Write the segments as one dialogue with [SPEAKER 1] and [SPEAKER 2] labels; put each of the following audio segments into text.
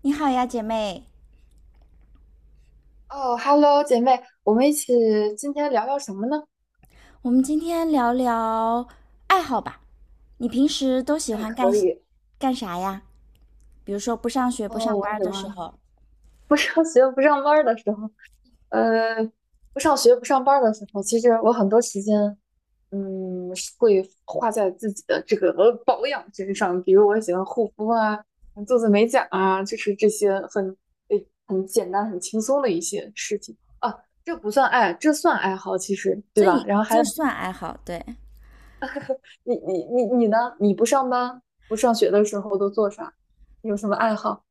[SPEAKER 1] 你好呀，姐妹，
[SPEAKER 2] 哦，Hello，姐妹，我们一起今天聊聊什么呢？
[SPEAKER 1] 我们今天聊聊爱好吧。你平时都喜
[SPEAKER 2] 哎，
[SPEAKER 1] 欢干
[SPEAKER 2] 可以，
[SPEAKER 1] 干啥呀？比如说不上学、不上
[SPEAKER 2] 哦，我
[SPEAKER 1] 班
[SPEAKER 2] 喜
[SPEAKER 1] 的时
[SPEAKER 2] 欢
[SPEAKER 1] 候，
[SPEAKER 2] 不上学、不上班儿的时候，呃，不上学、不上班儿的时候，其实我很多时间，嗯，是会花在自己的这个 保养身上，比如我喜欢护肤啊，做做美甲啊，就是这些很诶很简单、很轻松的一些事情啊，这不算爱，这算爱好，其实对
[SPEAKER 1] 这
[SPEAKER 2] 吧？
[SPEAKER 1] 也
[SPEAKER 2] 然后还
[SPEAKER 1] 这
[SPEAKER 2] 有
[SPEAKER 1] 算爱好，对。
[SPEAKER 2] 你呢？你不上班不上学的时候都做啥？有什么爱好？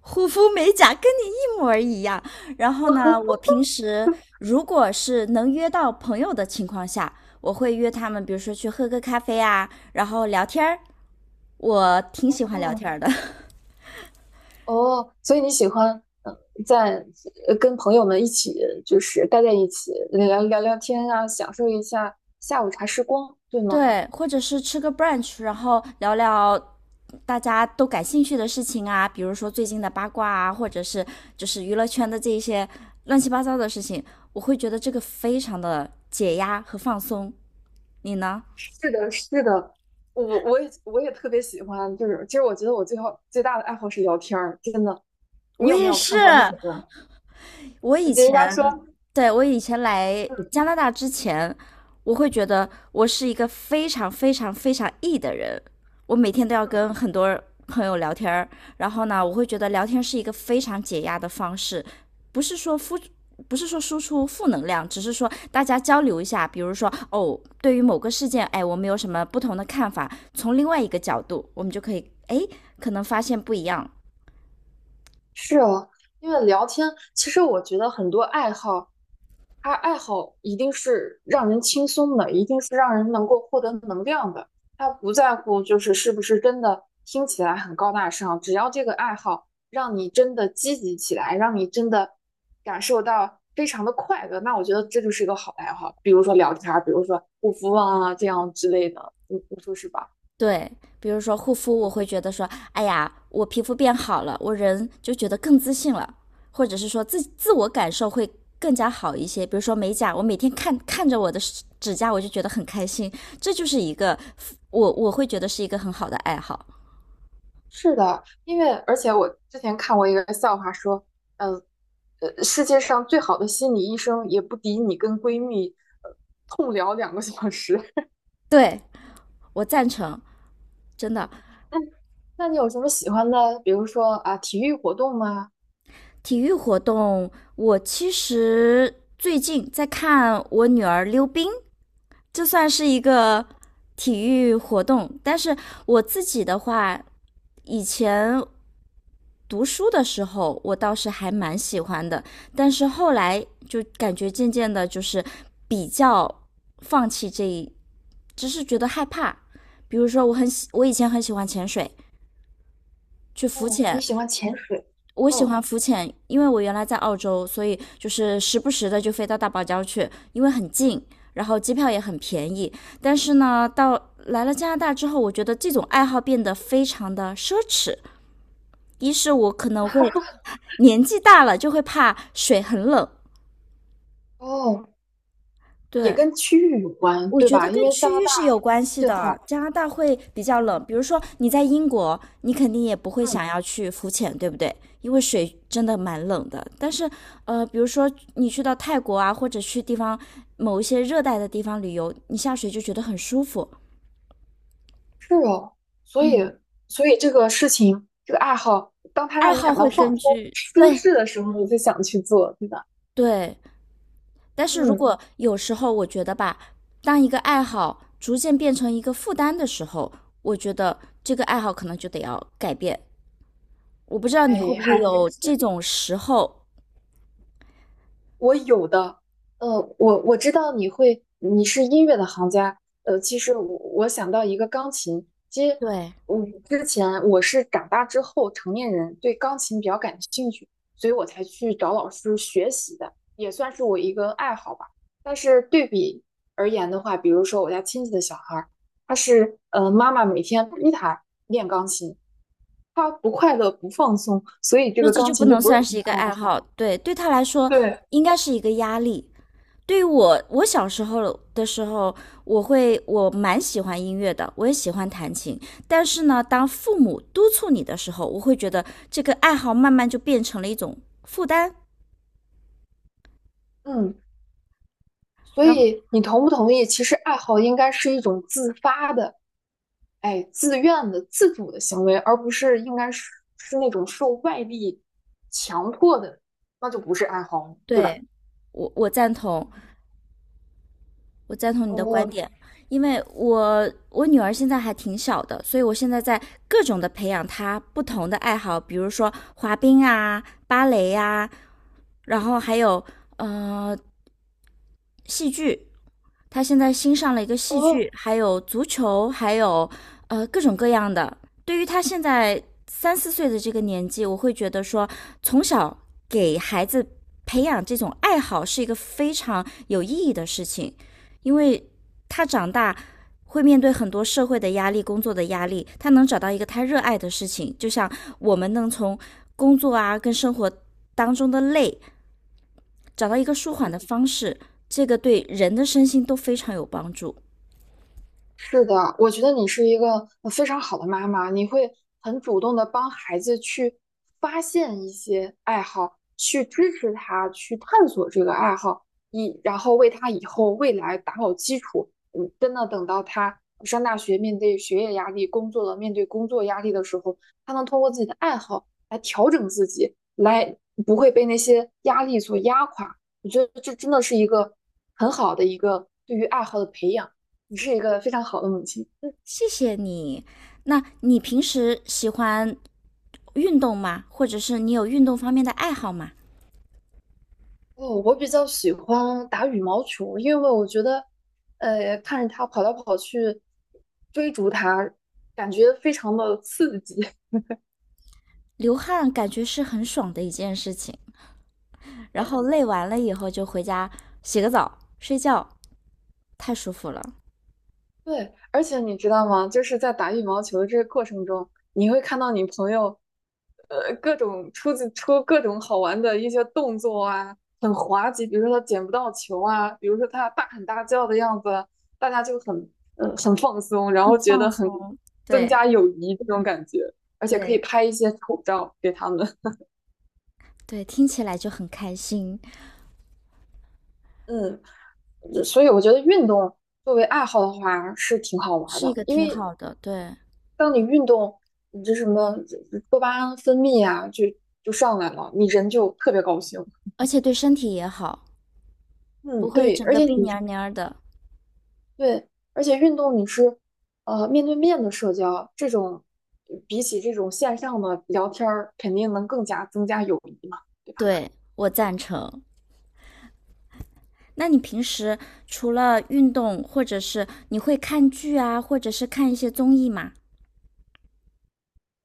[SPEAKER 1] 护肤美甲跟你一模儿一样。然后呢，我平时如果是能约到朋友的情况下，我会约他们，比如说去喝个咖啡啊，然后聊天儿。我挺喜欢聊
[SPEAKER 2] 哦
[SPEAKER 1] 天儿的。
[SPEAKER 2] 哦，所以你喜欢嗯，呃在呃跟朋友们一起就是待在一起聊聊天啊，享受一下下午茶时光，对吗？
[SPEAKER 1] 对，或者是吃个 brunch，然后聊聊大家都感兴趣的事情啊，比如说最近的八卦啊，或者是就是娱乐圈的这一些乱七八糟的事情，我会觉得这个非常的解压和放松。你呢？
[SPEAKER 2] 是的，是的，我也特别喜欢，就是其实我觉得我最好最大的爱好是聊天儿，真的。你
[SPEAKER 1] 我
[SPEAKER 2] 有没
[SPEAKER 1] 也
[SPEAKER 2] 有
[SPEAKER 1] 是，
[SPEAKER 2] 看过那个？
[SPEAKER 1] 我以
[SPEAKER 2] 人家
[SPEAKER 1] 前
[SPEAKER 2] 说，
[SPEAKER 1] 对我以前来
[SPEAKER 2] 嗯，
[SPEAKER 1] 加拿大之前，我会觉得我是一个非常非常非常 E 的人，我每天都要跟很多朋友聊天儿，然后呢，我会觉得聊天是一个非常解压的方式，不是说付。不是说输出负能量，只是说大家交流一下，比如说哦，对于某个事件，哎，我们有什么不同的看法，从另外一个角度，我们就可以哎，可能发现不一样，
[SPEAKER 2] 是啊，因为聊天，其实我觉得很多爱好。他爱好一定是让人轻松的，一定是让人能够获得能量的。他不在乎就是是不是真的听起来很高大上，只要这个爱好让你真的积极起来，让你真的感受到非常的快乐，那我觉得这就是一个好爱好。比如说聊天比如说护肤啊这样之类的，你说是吧？
[SPEAKER 1] 对。比如说护肤，我会觉得说，哎呀，我皮肤变好了，我人就觉得更自信了，或者是说自我感受会更加好一些。比如说美甲，我每天看着我的指甲，我就觉得很开心，这就是一个我会觉得是一个很好的爱好。
[SPEAKER 2] 是的，因为而且我之前看过一个笑话说，嗯，呃，世界上最好的心理医生也不敌你跟闺蜜呃痛聊2个小时。
[SPEAKER 1] 对，我赞成，真的。
[SPEAKER 2] 那那你有什么喜欢的？比如说啊，体育活动吗？
[SPEAKER 1] 体育活动，我其实最近在看我女儿溜冰，这算是一个体育活动。但是我自己的话，以前读书的时候，我倒是还蛮喜欢的，但是后来就感觉渐渐的，就是比较放弃这一，只是觉得害怕。比如说，我很喜，我以前很喜欢潜水，去浮
[SPEAKER 2] 哦，你
[SPEAKER 1] 潜。
[SPEAKER 2] 喜欢潜水？
[SPEAKER 1] 我喜
[SPEAKER 2] 哦
[SPEAKER 1] 欢浮潜，因为我原来在澳洲，所以就是时不时的就飞到大堡礁去，因为很近，然后机票也很便宜。但是呢，到来了加拿大之后，我觉得这种爱好变得非常的奢侈。一是我可能会年纪大了，就会怕水很冷。
[SPEAKER 2] 哦，也
[SPEAKER 1] 对，
[SPEAKER 2] 跟区域有关，
[SPEAKER 1] 我
[SPEAKER 2] 对
[SPEAKER 1] 觉得
[SPEAKER 2] 吧？因
[SPEAKER 1] 跟
[SPEAKER 2] 为加
[SPEAKER 1] 区
[SPEAKER 2] 拿
[SPEAKER 1] 域
[SPEAKER 2] 大
[SPEAKER 1] 是有关系
[SPEAKER 2] 这
[SPEAKER 1] 的。
[SPEAKER 2] 好，
[SPEAKER 1] 加拿大会比较
[SPEAKER 2] 嗯
[SPEAKER 1] 冷，比如说你在英国，你肯定也不会想
[SPEAKER 2] 嗯，
[SPEAKER 1] 要去浮潜，对不对？因为水真的蛮冷的。但是，比如说你去到泰国啊，或者去地方某一些热带的地方旅游，你下水就觉得很舒服。
[SPEAKER 2] 是哦，所以
[SPEAKER 1] 嗯，
[SPEAKER 2] 所以这个事情，这个爱好，当它
[SPEAKER 1] 爱
[SPEAKER 2] 让你
[SPEAKER 1] 好
[SPEAKER 2] 感到
[SPEAKER 1] 会
[SPEAKER 2] 放
[SPEAKER 1] 根
[SPEAKER 2] 松、
[SPEAKER 1] 据，
[SPEAKER 2] 舒
[SPEAKER 1] 对。
[SPEAKER 2] 适的时候，你就想去做，对吧？
[SPEAKER 1] 对，但是如
[SPEAKER 2] 嗯，
[SPEAKER 1] 果有时候我觉得吧，当一个爱好逐渐变成一个负担的时候，我觉得这个爱好可能就得要改变。我不知道你会
[SPEAKER 2] 哎，
[SPEAKER 1] 不会
[SPEAKER 2] 还真
[SPEAKER 1] 有这
[SPEAKER 2] 是
[SPEAKER 1] 种时候，
[SPEAKER 2] 我有的，呃，我知道你会，你是音乐的行家，呃，其实我想到一个钢琴，其实
[SPEAKER 1] 对，
[SPEAKER 2] 我之前我是长大之后成年人对钢琴比较感兴趣，所以我才去找老师学习的，也算是我一个爱好吧。但是对比而言的话，比如说我家亲戚的小孩儿，他是妈妈每天逼他练钢琴，他不快乐不放松，所以这
[SPEAKER 1] 就
[SPEAKER 2] 个
[SPEAKER 1] 这
[SPEAKER 2] 钢
[SPEAKER 1] 就不
[SPEAKER 2] 琴就
[SPEAKER 1] 能
[SPEAKER 2] 不
[SPEAKER 1] 算
[SPEAKER 2] 是
[SPEAKER 1] 是一个
[SPEAKER 2] 他的爱
[SPEAKER 1] 爱
[SPEAKER 2] 好。
[SPEAKER 1] 好，对，对他来说
[SPEAKER 2] 对，
[SPEAKER 1] 应该是一个压力。对于我，我小时候的时候，我蛮喜欢音乐的，我也喜欢弹琴。但是呢，当父母督促你的时候，我会觉得这个爱好慢慢就变成了一种负担。
[SPEAKER 2] 嗯，所
[SPEAKER 1] 然
[SPEAKER 2] 以你同不同意？其实爱好应该是一种自发的，哎，自愿的、自主的行为，而不是应该是是那种受外力强迫的，那就不是爱好了对吧？
[SPEAKER 1] 对，我赞同，我赞同你的观
[SPEAKER 2] 哦
[SPEAKER 1] 点，因为我女儿现在还挺小的，所以我现在在各种的培养她不同的爱好，比如说滑冰啊、芭蕾呀、然后还有呃戏剧，他现在新上了一个戏剧，
[SPEAKER 2] 哦，
[SPEAKER 1] 还有足球，还有各种各样的。对于他现在三四岁的这个年纪，我会觉得说，从小给孩子培养这种爱好是一个非常有意义的事情，因为他长大会面对很多社会的压力、工作的压力，他能找到一个他热爱的事情，就像我们能从工作啊跟生活当中的累找到一个舒缓
[SPEAKER 2] 嗯。
[SPEAKER 1] 的方式，这个对人的身心都非常有帮助。
[SPEAKER 2] 是的，我觉得你是一个非常好的妈妈，你会很主动的帮孩子去发现一些爱好，去支持他去探索这个爱好，以然后为他以后未来打好基础。嗯，真的等到他上大学，面对学业压力，工作了，面对工作压力的时候，他能通过自己的爱好来调整自己，来不会被那些压力所压垮。我觉得这真的是一个很好的一个对于爱好的培养。你是一个非常好的母亲。
[SPEAKER 1] 谢谢你。那你平时喜欢运动吗？或者是你有运动方面的爱好吗？
[SPEAKER 2] 哦，我比较喜欢打羽毛球，因为我觉得，呃，看着他跑来跑去，追逐他，感觉非常的刺激。
[SPEAKER 1] 流汗感觉是很爽的一件事情，然
[SPEAKER 2] 对，
[SPEAKER 1] 后累完了以后就回家洗个澡、睡觉，太舒服了，
[SPEAKER 2] 对，而且你知道吗？就是在打羽毛球的这个过程中，你会看到你朋友，呃，各种出自出各种好玩的一些动作啊，很滑稽，比如说他捡不到球啊，比如说他大喊大叫的样子，大家就很很放松，然后
[SPEAKER 1] 很
[SPEAKER 2] 觉得
[SPEAKER 1] 放
[SPEAKER 2] 很
[SPEAKER 1] 松。
[SPEAKER 2] 增
[SPEAKER 1] 对
[SPEAKER 2] 加友谊这种感觉，而且可以
[SPEAKER 1] 对
[SPEAKER 2] 拍一些丑照给他们。
[SPEAKER 1] 对，听起来就很开心，
[SPEAKER 2] 嗯，所以我觉得运动作为爱好的话是挺好玩
[SPEAKER 1] 是一
[SPEAKER 2] 的，
[SPEAKER 1] 个
[SPEAKER 2] 因
[SPEAKER 1] 挺
[SPEAKER 2] 为
[SPEAKER 1] 好的，对，
[SPEAKER 2] 当你运动，你这什么多巴胺分泌啊，就上来了，你人就特别高兴。
[SPEAKER 1] 而且对身体也好，不
[SPEAKER 2] 嗯，
[SPEAKER 1] 会
[SPEAKER 2] 对，
[SPEAKER 1] 整
[SPEAKER 2] 而
[SPEAKER 1] 个
[SPEAKER 2] 且
[SPEAKER 1] 病
[SPEAKER 2] 你
[SPEAKER 1] 蔫蔫儿的。
[SPEAKER 2] 对，而且运动你是面对面的社交，这种比起这种线上的聊天儿，肯定能更加增加友谊嘛，对吧？
[SPEAKER 1] 对，我赞成。那你平时除了运动，或者是你会看剧啊，或者是看一些综艺嘛？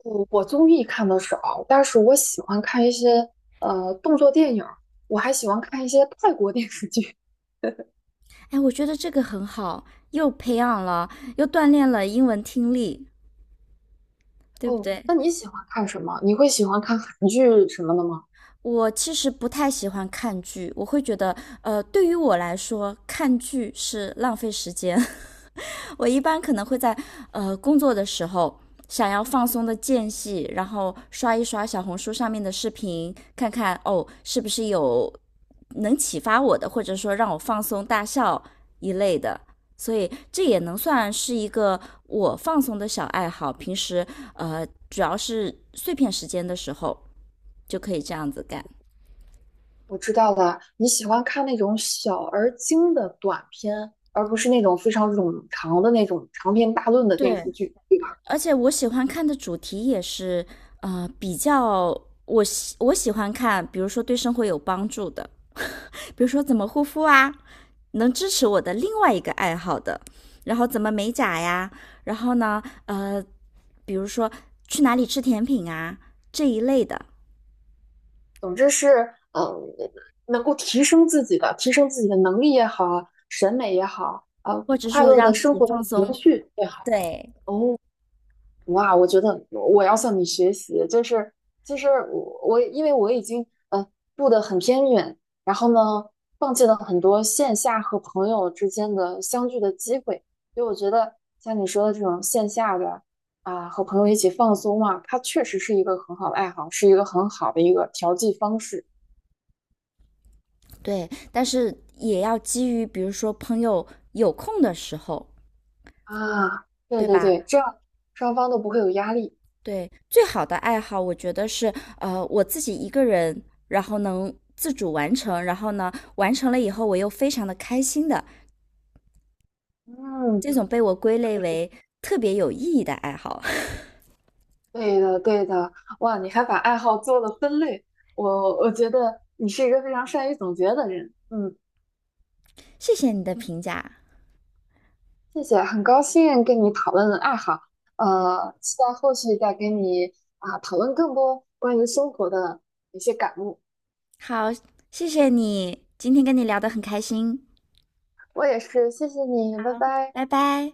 [SPEAKER 2] 我综艺看的少，但是我喜欢看一些动作电影儿，我还喜欢看一些泰国电视剧。
[SPEAKER 1] 哎，我觉得这个很好，又培养了，又锻炼了英文听力，对不
[SPEAKER 2] 哦，
[SPEAKER 1] 对？
[SPEAKER 2] 那你喜欢看什么？你会喜欢看韩剧什么的吗？
[SPEAKER 1] 我其实不太喜欢看剧，我会觉得，对于我来说，看剧是浪费时间。我一般可能会在工作的时候，想要放松的间隙，然后刷一刷小红书上面的视频，看看哦是不是有能启发我的，或者说让我放松大笑一类的。所以这也能算是一个我放松的小爱好。平时呃，主要是碎片时间的时候就可以这样子干。
[SPEAKER 2] 我知道的，你喜欢看那种小而精的短片，而不是那种非常冗长的那种长篇大论的电
[SPEAKER 1] 对，
[SPEAKER 2] 视剧，对吧？
[SPEAKER 1] 而且我喜欢看的主题也是比较我喜欢看，比如说对生活有帮助的，比如说怎么护肤啊，能支持我的另外一个爱好的，然后怎么美甲呀，然后呢，比如说去哪里吃甜品啊这一类的，
[SPEAKER 2] 总之是，嗯，能够提升自己的，提升自己的能力也好，审美也好，呃，
[SPEAKER 1] 或者
[SPEAKER 2] 快
[SPEAKER 1] 说
[SPEAKER 2] 乐的
[SPEAKER 1] 让自
[SPEAKER 2] 生
[SPEAKER 1] 己
[SPEAKER 2] 活的
[SPEAKER 1] 放
[SPEAKER 2] 情
[SPEAKER 1] 松，
[SPEAKER 2] 绪也好。
[SPEAKER 1] 对。
[SPEAKER 2] 哇，我觉得我要向你学习，就是其实我因为我已经住的很偏远，然后呢放弃了很多线下和朋友之间的相聚的机会，所以我觉得像你说的这种线下的啊、和朋友一起放松嘛，它确实是一个很好的爱好，是一个很好的一个调剂方式
[SPEAKER 1] 对，但是也要基于比如说朋友有空的时候，
[SPEAKER 2] 啊。对
[SPEAKER 1] 对
[SPEAKER 2] 对
[SPEAKER 1] 吧？
[SPEAKER 2] 对，这样双方都不会有压力。
[SPEAKER 1] 对，最好的爱好，我觉得是我自己一个人，然后能自主完成，然后呢完成了以后我又非常的开心的，
[SPEAKER 2] 嗯。
[SPEAKER 1] 这种被我归类为特别有意义的爱好。
[SPEAKER 2] 对的，对的，哇，你还把爱好做了分类，我觉得你是一个非常善于总结的人，嗯，
[SPEAKER 1] 谢谢你的评价，
[SPEAKER 2] 谢谢，很高兴跟你讨论爱好，呃，期待后续再跟你啊、讨论更多关于生活的一些感悟，
[SPEAKER 1] 好，谢谢你，今天跟你聊得很开心，
[SPEAKER 2] 我也是，谢谢你，拜拜。
[SPEAKER 1] 拜拜。